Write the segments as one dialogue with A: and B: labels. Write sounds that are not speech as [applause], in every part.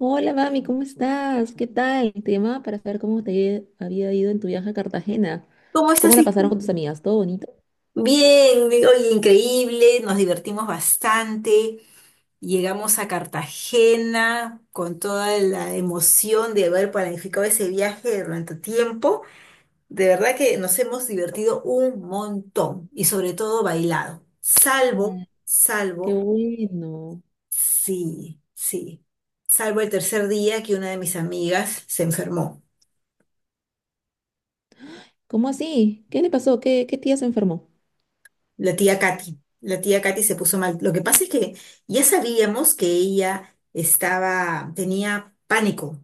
A: Hola, mami, ¿cómo estás? ¿Qué tal? Te llamaba para saber cómo te había ido en tu viaje a Cartagena.
B: ¿Cómo
A: ¿Cómo
B: estás,
A: la pasaron
B: Vicky?
A: con tus amigas? ¿Todo bonito?
B: Bien, oye, increíble, nos divertimos bastante. Llegamos a Cartagena con toda la emoción de haber planificado ese viaje durante tiempo. De verdad que nos hemos divertido un montón y sobre todo bailado.
A: Ay, qué bueno.
B: Sí, sí, salvo el tercer día que una de mis amigas se enfermó.
A: ¿Cómo así? ¿Qué le pasó? ¿Qué tía se enfermó?
B: La tía Katy se puso mal. Lo que pasa es que ya sabíamos que ella tenía pánico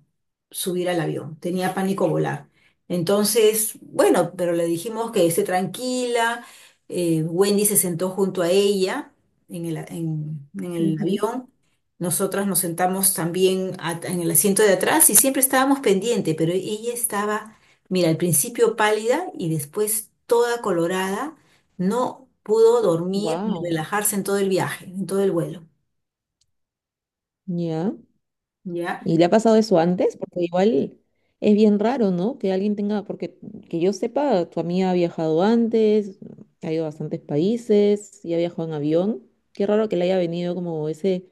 B: subir al avión, tenía pánico volar. Entonces, bueno, pero le dijimos que esté tranquila. Wendy se sentó junto a ella en el avión. Nosotras nos sentamos también en el asiento de atrás y siempre estábamos pendientes, pero ella estaba, mira, al principio pálida y después toda colorada, no pudo dormir ni
A: Wow.
B: relajarse en todo el viaje, en todo el vuelo.
A: ¿Ya?
B: ¿Ya?
A: ¿Y le ha pasado eso antes? Porque igual es bien raro, ¿no? Que alguien tenga, porque que yo sepa, tu amiga ha viajado antes, ha ido a bastantes países y ha viajado en avión. Qué raro que le haya venido como ese,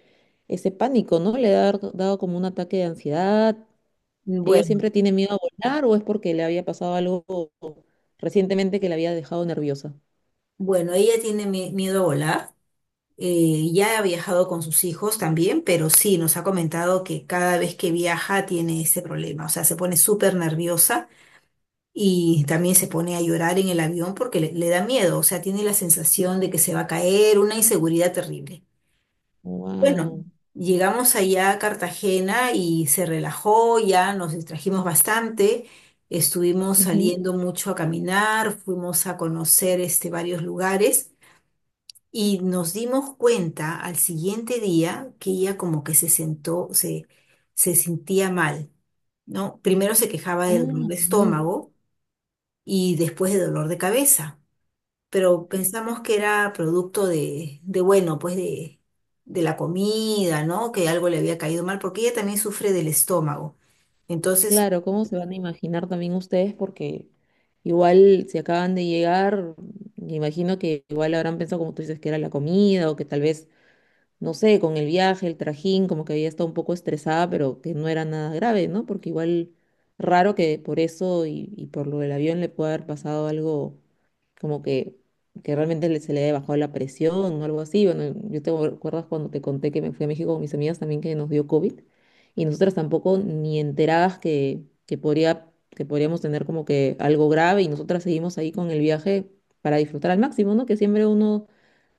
A: ese pánico, ¿no? Le ha dado como un ataque de ansiedad. ¿Ella
B: Bueno,
A: siempre tiene miedo a volar o es porque le había pasado algo recientemente que la había dejado nerviosa?
B: bueno, ella tiene miedo a volar. Ya ha viajado con sus hijos también, pero sí nos ha comentado que cada vez que viaja tiene ese problema. O sea, se pone súper nerviosa y también se pone a llorar en el avión porque le da miedo. O sea, tiene la sensación de que se va a caer, una inseguridad terrible. Bueno,
A: Wow.
B: llegamos allá a Cartagena y se relajó, ya nos distrajimos bastante, estuvimos saliendo mucho a caminar, fuimos a conocer este, varios lugares y nos dimos cuenta al siguiente día que ella como que se sentó, se sentía mal, ¿no? Primero se quejaba de dolor
A: Ah,
B: de estómago y después de dolor de cabeza, pero pensamos que era producto de bueno, pues de la comida, ¿no? Que algo le había caído mal, porque ella también sufre del estómago. Entonces,
A: claro, ¿cómo se van a imaginar también ustedes? Porque igual si acaban de llegar, me imagino que igual habrán pensado, como tú dices, que era la comida o que tal vez no sé, con el viaje, el trajín, como que había estado un poco estresada, pero que no era nada grave, ¿no? Porque igual raro que por eso y por lo del avión le pueda haber pasado algo como que realmente se le haya bajado la presión o algo así. Bueno, yo te acuerdas cuando te conté que me fui a México con mis amigas también que nos dio COVID y nosotras tampoco ni enteradas que podría, que podríamos tener como que algo grave y nosotras seguimos ahí con el viaje para disfrutar al máximo, ¿no? Que siempre uno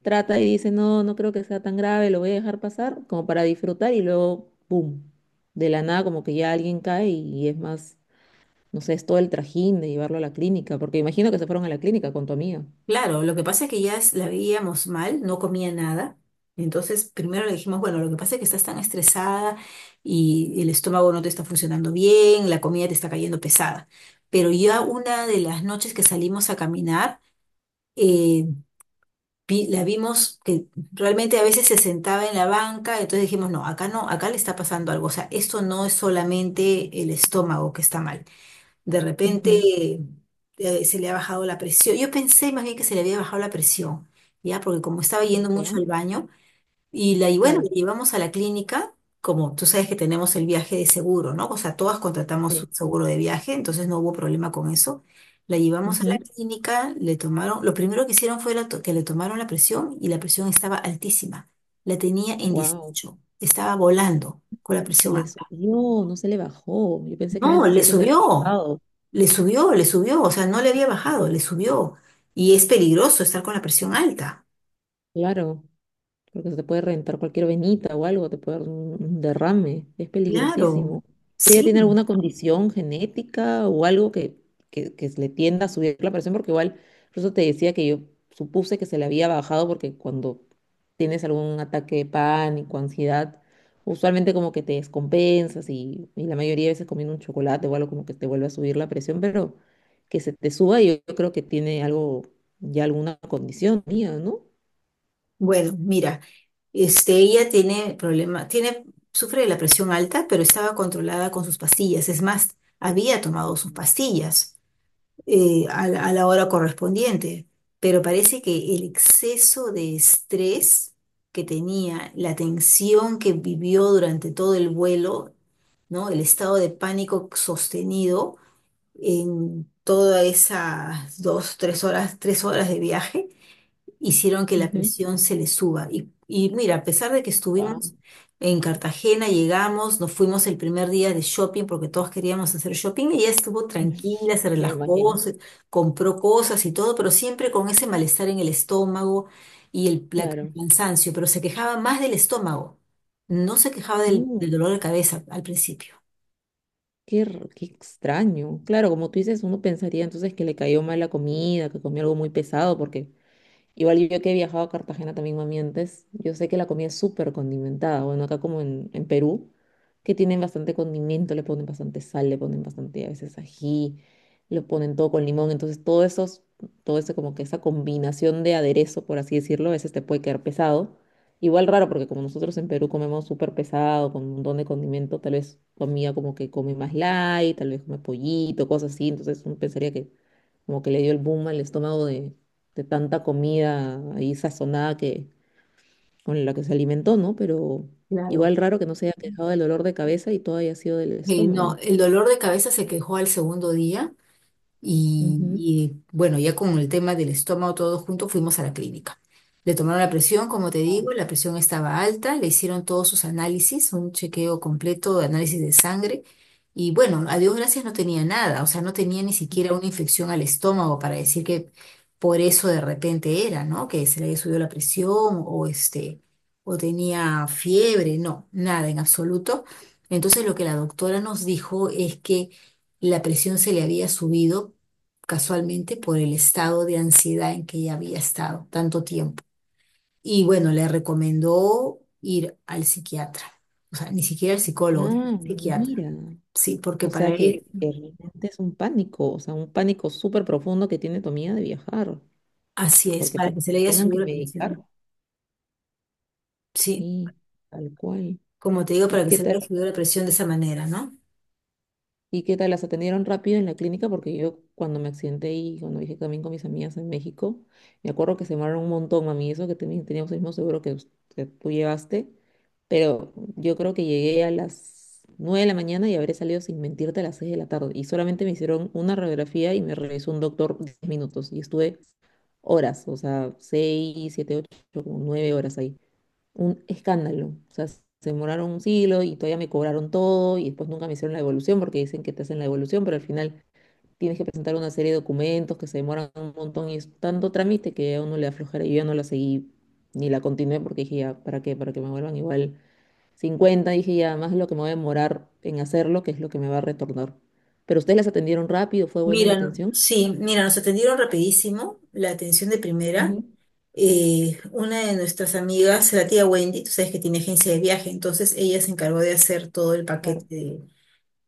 A: trata y dice, no, no creo que sea tan grave, lo voy a dejar pasar, como para disfrutar y luego, ¡pum! De la nada como que ya alguien cae y es más, no sé, es todo el trajín de llevarlo a la clínica, porque imagino que se fueron a la clínica con tu amiga.
B: claro, lo que pasa es que ya la veíamos mal, no comía nada. Entonces, primero le dijimos, bueno, lo que pasa es que estás tan estresada y el estómago no te está funcionando bien, la comida te está cayendo pesada. Pero ya una de las noches que salimos a caminar, eh, la vimos que realmente a veces se sentaba en la banca. Entonces dijimos, no, acá no, acá le está pasando algo, o sea, esto no es solamente el estómago que está mal. De repente
A: Ujú.
B: se le ha bajado la presión, yo pensé más bien que se le había bajado la presión, ya, porque como estaba yendo
A: ¿Ya?
B: mucho al baño, y bueno,
A: Claro,
B: la llevamos a la clínica, como tú sabes que tenemos el viaje de seguro, ¿no? O sea, todas contratamos un
A: sí.
B: seguro de viaje, entonces no hubo problema con eso. La llevamos a la clínica, lo primero que hicieron fue que le tomaron la presión, y la presión estaba altísima. La tenía en
A: Wow,
B: 18, estaba volando con la
A: se
B: presión
A: le
B: alta.
A: subió, no se le bajó. Yo pensé que me
B: No,
A: ibas a
B: le
A: decir que se le había
B: subió,
A: bajado.
B: le subió, le subió, o sea, no le había bajado, le subió. Y es peligroso estar con la presión alta.
A: Claro, porque se te puede reventar cualquier venita o algo, te puede dar un derrame, es
B: Claro,
A: peligrosísimo. Pero ella tiene
B: sí.
A: alguna condición genética o algo que le tienda a subir la presión, porque igual, por eso te decía que yo supuse que se le había bajado, porque cuando tienes algún ataque de pánico, ansiedad, usualmente como que te descompensas y la mayoría de veces comiendo un chocolate o algo como que te vuelve a subir la presión, pero que se te suba, yo creo que tiene algo, ya alguna condición mía, ¿no?
B: Bueno, mira, este, ella sufre de la presión alta, pero estaba controlada con sus pastillas. Es más, había tomado sus pastillas a la hora correspondiente, pero parece que el exceso de estrés que tenía, la tensión que vivió durante todo el vuelo, ¿no? El estado de pánico sostenido en todas esas 2, tres horas de viaje hicieron que la
A: Ujú.
B: presión se le suba. Y mira, a pesar de que
A: Guau.
B: estuvimos en Cartagena, llegamos, nos fuimos el primer día de shopping porque todos queríamos hacer shopping, ella estuvo tranquila, se
A: Ya imagino,
B: relajó, compró cosas y todo, pero siempre con ese malestar en el estómago y el
A: claro.
B: cansancio, pero se quejaba más del estómago, no se quejaba del
A: Mm,
B: dolor de cabeza al principio.
A: qué, qué extraño. Claro, como tú dices, uno pensaría entonces que le cayó mal la comida, que comió algo muy pesado, porque igual yo que he viajado a Cartagena también, mami, antes, yo sé que la comida es súper condimentada. Bueno, acá como en Perú, que tienen bastante condimento, le ponen bastante sal, le ponen bastante a veces ají, lo ponen todo con limón. Entonces, todo esos, todo eso como que esa combinación de aderezo, por así decirlo, a veces te puede quedar pesado. Igual raro, porque como nosotros en Perú comemos súper pesado, con un montón de condimento, tal vez tu amiga como que come más light, tal vez come pollito, cosas así. Entonces, uno pensaría que como que le dio el boom al estómago de tanta comida ahí sazonada que, con la que se alimentó, ¿no? Pero
B: Claro.
A: igual raro que no se haya quejado del dolor de cabeza y todo haya sido del
B: No,
A: estómago.
B: el dolor de cabeza se quejó al segundo día.
A: Ujú.
B: Y, bueno, ya con el tema del estómago todos juntos fuimos a la clínica. Le tomaron la presión, como te digo,
A: Wao.
B: la presión estaba alta, le hicieron todos sus análisis, un chequeo completo de análisis de sangre. Y bueno, a Dios gracias no tenía nada, o sea, no tenía ni siquiera una infección al estómago para decir que por eso de repente era, ¿no? Que se le había subido la presión, o este, o tenía fiebre, no, nada en absoluto. Entonces, lo que la doctora nos dijo es que la presión se le había subido casualmente por el estado de ansiedad en que ella había estado tanto tiempo. Y bueno, le recomendó ir al psiquiatra, o sea, ni siquiera al psicólogo,
A: Ah,
B: psiquiatra.
A: mira.
B: Sí, porque
A: O
B: para
A: sea que,
B: él,
A: que realmente es un pánico, o sea, un pánico súper profundo que tiene tu amiga de viajar,
B: así es,
A: porque
B: para
A: para
B: que
A: que
B: se le
A: la
B: haya
A: tengan
B: subido
A: que
B: la
A: medicar,
B: presión. Sí,
A: sí, tal cual.
B: como te digo,
A: ¿Y
B: para que
A: qué
B: se le
A: tal?
B: haya subido la presión de esa manera, ¿no?
A: ¿Y qué tal? ¿Las atendieron rápido en la clínica? Porque yo cuando me accidenté y cuando viajé también con mis amigas en México, me acuerdo que se demoraron un montón, mami, eso que teníamos el mismo seguro que, que tú llevaste, pero yo creo que llegué a las 9 de la mañana y habré salido sin mentirte a las 6 de la tarde. Y solamente me hicieron una radiografía y me revisó un doctor 10 minutos y estuve horas, o sea, 6 7 8 como 9 horas ahí un escándalo. O sea, se demoraron un siglo y todavía me cobraron todo y después nunca me hicieron la devolución porque dicen que te hacen la devolución, pero al final tienes que presentar una serie de documentos que se demoran un montón y es tanto trámite que a uno le aflojera. Yo ya no la seguí ni la continué porque dije ya, ¿para qué? Para que me vuelvan igual 50 dije ya, más lo que me voy a demorar en hacerlo, que es lo que me va a retornar. Pero ustedes las atendieron rápido, ¿fue buena la
B: Mira,
A: atención?
B: sí, mira, nos atendieron rapidísimo, la atención de primera.
A: Ujú,
B: Una de nuestras amigas, la tía Wendy, tú sabes que tiene agencia de viaje, entonces ella se encargó de hacer todo el
A: claro.
B: paquete,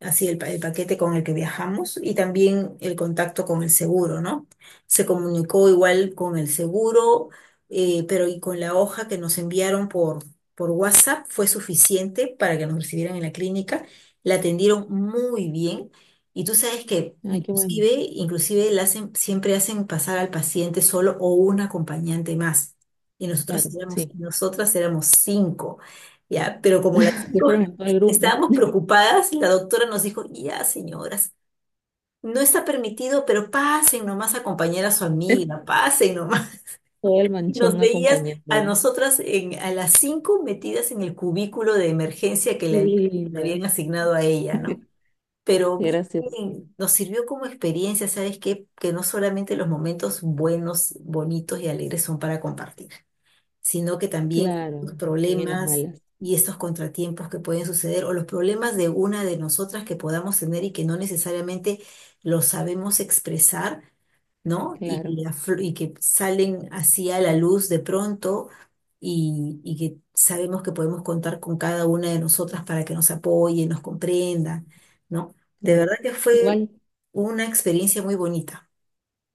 B: así el paquete con el que viajamos, y también el contacto con el seguro, ¿no? Se comunicó igual con el seguro, pero y con la hoja que nos enviaron por WhatsApp fue suficiente para que nos recibieran en la clínica. La atendieron muy bien. Y tú sabes que
A: Ay, qué
B: inclusive,
A: bueno.
B: inclusive la hacen, siempre hacen pasar al paciente solo o un acompañante más. Y
A: Claro, sí.
B: nosotras éramos cinco, ¿ya? Pero como las
A: [laughs] Se
B: cinco
A: fueron en todo el grupo,
B: estábamos
A: [laughs]
B: preocupadas y la doctora nos dijo, ya, señoras, no está permitido, pero pasen nomás a acompañar a su amiga, pasen nomás. [laughs]
A: todo el
B: Y nos
A: manchón
B: veías
A: acompañando.
B: a nosotras a las cinco metidas en el cubículo de emergencia que
A: Qué
B: le habían
A: lindas.
B: asignado a
A: [laughs]
B: ella, ¿no?
A: Qué
B: Pero bien,
A: gracioso.
B: nos sirvió como experiencia, ¿sabes qué? Que no solamente los momentos buenos, bonitos y alegres son para compartir, sino que también los
A: Claro, también en las
B: problemas
A: malas.
B: y estos contratiempos que pueden suceder, o los problemas de una de nosotras que podamos tener y que no necesariamente los sabemos expresar, ¿no?
A: Claro,
B: Y que salen así a la luz de pronto, y que sabemos que podemos contar con cada una de nosotras para que nos apoye, nos comprenda, ¿no? De
A: claro.
B: verdad que fue
A: Igual,
B: una experiencia muy bonita.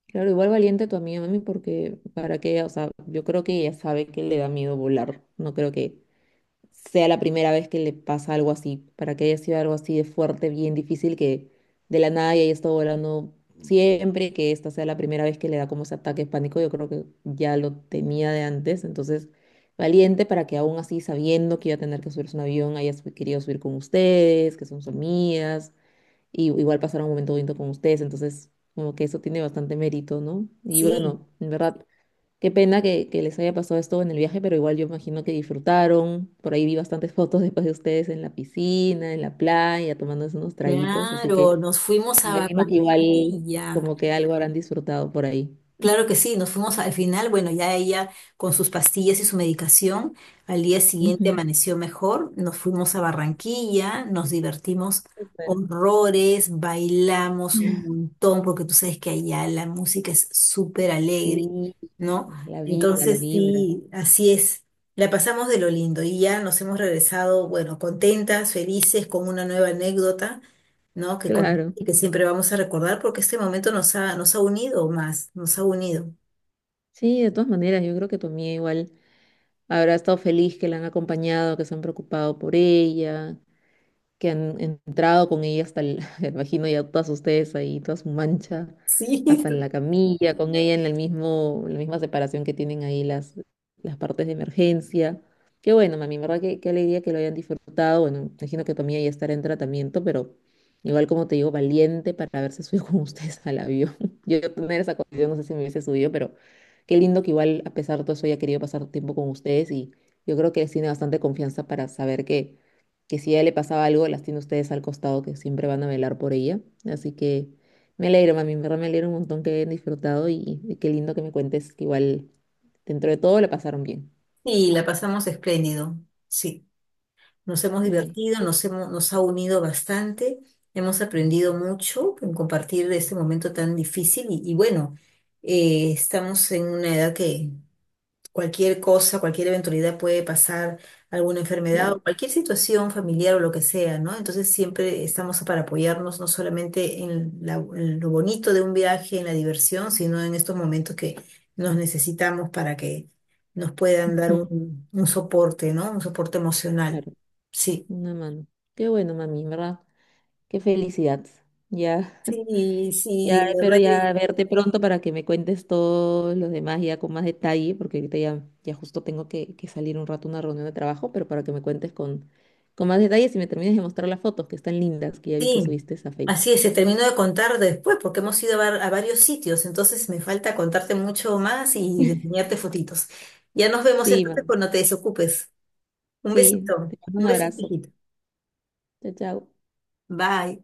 A: claro, igual valiente tu amiga, mami, porque para que o sea, yo creo que ella sabe que le da miedo volar. No creo que sea la primera vez que le pasa algo así, para que haya sido algo así de fuerte, bien difícil, que de la nada y haya estado volando siempre, que esta sea la primera vez que le da como ese ataque de pánico, yo creo que ya lo tenía de antes, entonces valiente para que aún así, sabiendo que iba a tener que subirse a un avión, haya querido subir con ustedes, que son sus amigas, y igual pasar un momento bonito con ustedes, entonces como que eso tiene bastante mérito, ¿no? Y
B: Sí,
A: bueno, en verdad, qué pena que les haya pasado esto en el viaje, pero igual yo imagino que disfrutaron. Por ahí vi bastantes fotos después de ustedes en la piscina, en la playa, tomándose unos traguitos, así
B: claro,
A: que
B: nos fuimos a
A: imagino que igual
B: Barranquilla.
A: como que algo habrán disfrutado por ahí.
B: Claro que sí, nos fuimos al final, bueno, ya ella con sus pastillas y su medicación, al día siguiente
A: Ujú,
B: amaneció mejor, nos fuimos a Barranquilla, nos divertimos
A: súper.
B: horrores, bailamos un
A: [laughs]
B: montón, porque tú sabes que allá la música es súper alegre,
A: Sí,
B: ¿no?
A: la vida, la
B: Entonces
A: vibra.
B: sí, así es, la pasamos de lo lindo y ya nos hemos regresado, bueno, contentas, felices, con una nueva anécdota, ¿no? Que
A: Claro.
B: y que siempre vamos a recordar porque este momento nos ha unido más, nos ha unido.
A: Sí, de todas maneras, yo creo que tu amiga igual habrá estado feliz que la han acompañado, que se han preocupado por ella, que han entrado con ella hasta el, [laughs] me imagino ya todas ustedes ahí, toda su mancha,
B: Sí.
A: hasta en la
B: [laughs]
A: camilla, con ella en el mismo, la misma separación que tienen ahí las partes de emergencia. Qué bueno, mami, en verdad que qué alegría que lo hayan disfrutado. Bueno, me imagino que tu amiga ya estará en tratamiento, pero igual como te digo, valiente para haberse subido [laughs] con ustedes al avión. [laughs] Yo tener esa condición, no sé si me hubiese subido, pero qué lindo que igual a pesar de todo eso haya querido pasar tiempo con ustedes y yo creo que les tiene bastante confianza para saber que si a ella le pasaba algo, las tiene ustedes al costado, que siempre van a velar por ella. Así que me alegro, mami, en verdad me alegro un montón que hayan disfrutado y qué lindo que me cuentes que igual dentro de todo la pasaron bien.
B: Y la pasamos espléndido, sí. Nos hemos
A: Ay,
B: divertido, nos hemos, nos ha unido bastante, hemos aprendido mucho en compartir este momento tan difícil y bueno, estamos en una edad que cualquier cosa, cualquier eventualidad puede pasar, alguna enfermedad
A: claro,
B: o cualquier situación familiar o lo que sea, ¿no? Entonces siempre estamos para apoyarnos no solamente en lo bonito de un viaje, en la diversión, sino en estos momentos que nos necesitamos para que nos puedan dar
A: ujú,
B: un soporte, ¿no? Un soporte emocional.
A: claro,
B: Sí.
A: una mano. Qué bueno, mami, en verdad, qué felicidad. Ya.
B: Sí,
A: Ya
B: sí, de
A: espero
B: verdad.
A: ya verte pronto para que me cuentes todos los demás ya con más detalle, porque ahorita ya, ya justo tengo que salir un rato a una reunión de trabajo, pero para que me cuentes con más detalles y me termines de mostrar las fotos que están lindas, que ya vi que
B: Sí,
A: subiste a Facebook.
B: así es, se terminó de contar después porque hemos ido a varios sitios, entonces me falta contarte mucho más y de
A: [laughs]
B: enseñarte fotitos. Ya nos vemos
A: Sí,
B: entonces
A: man.
B: cuando te desocupes.
A: Sí, te mando
B: Un
A: un
B: besito,
A: abrazo.
B: hijito.
A: Chao, chao.
B: Bye.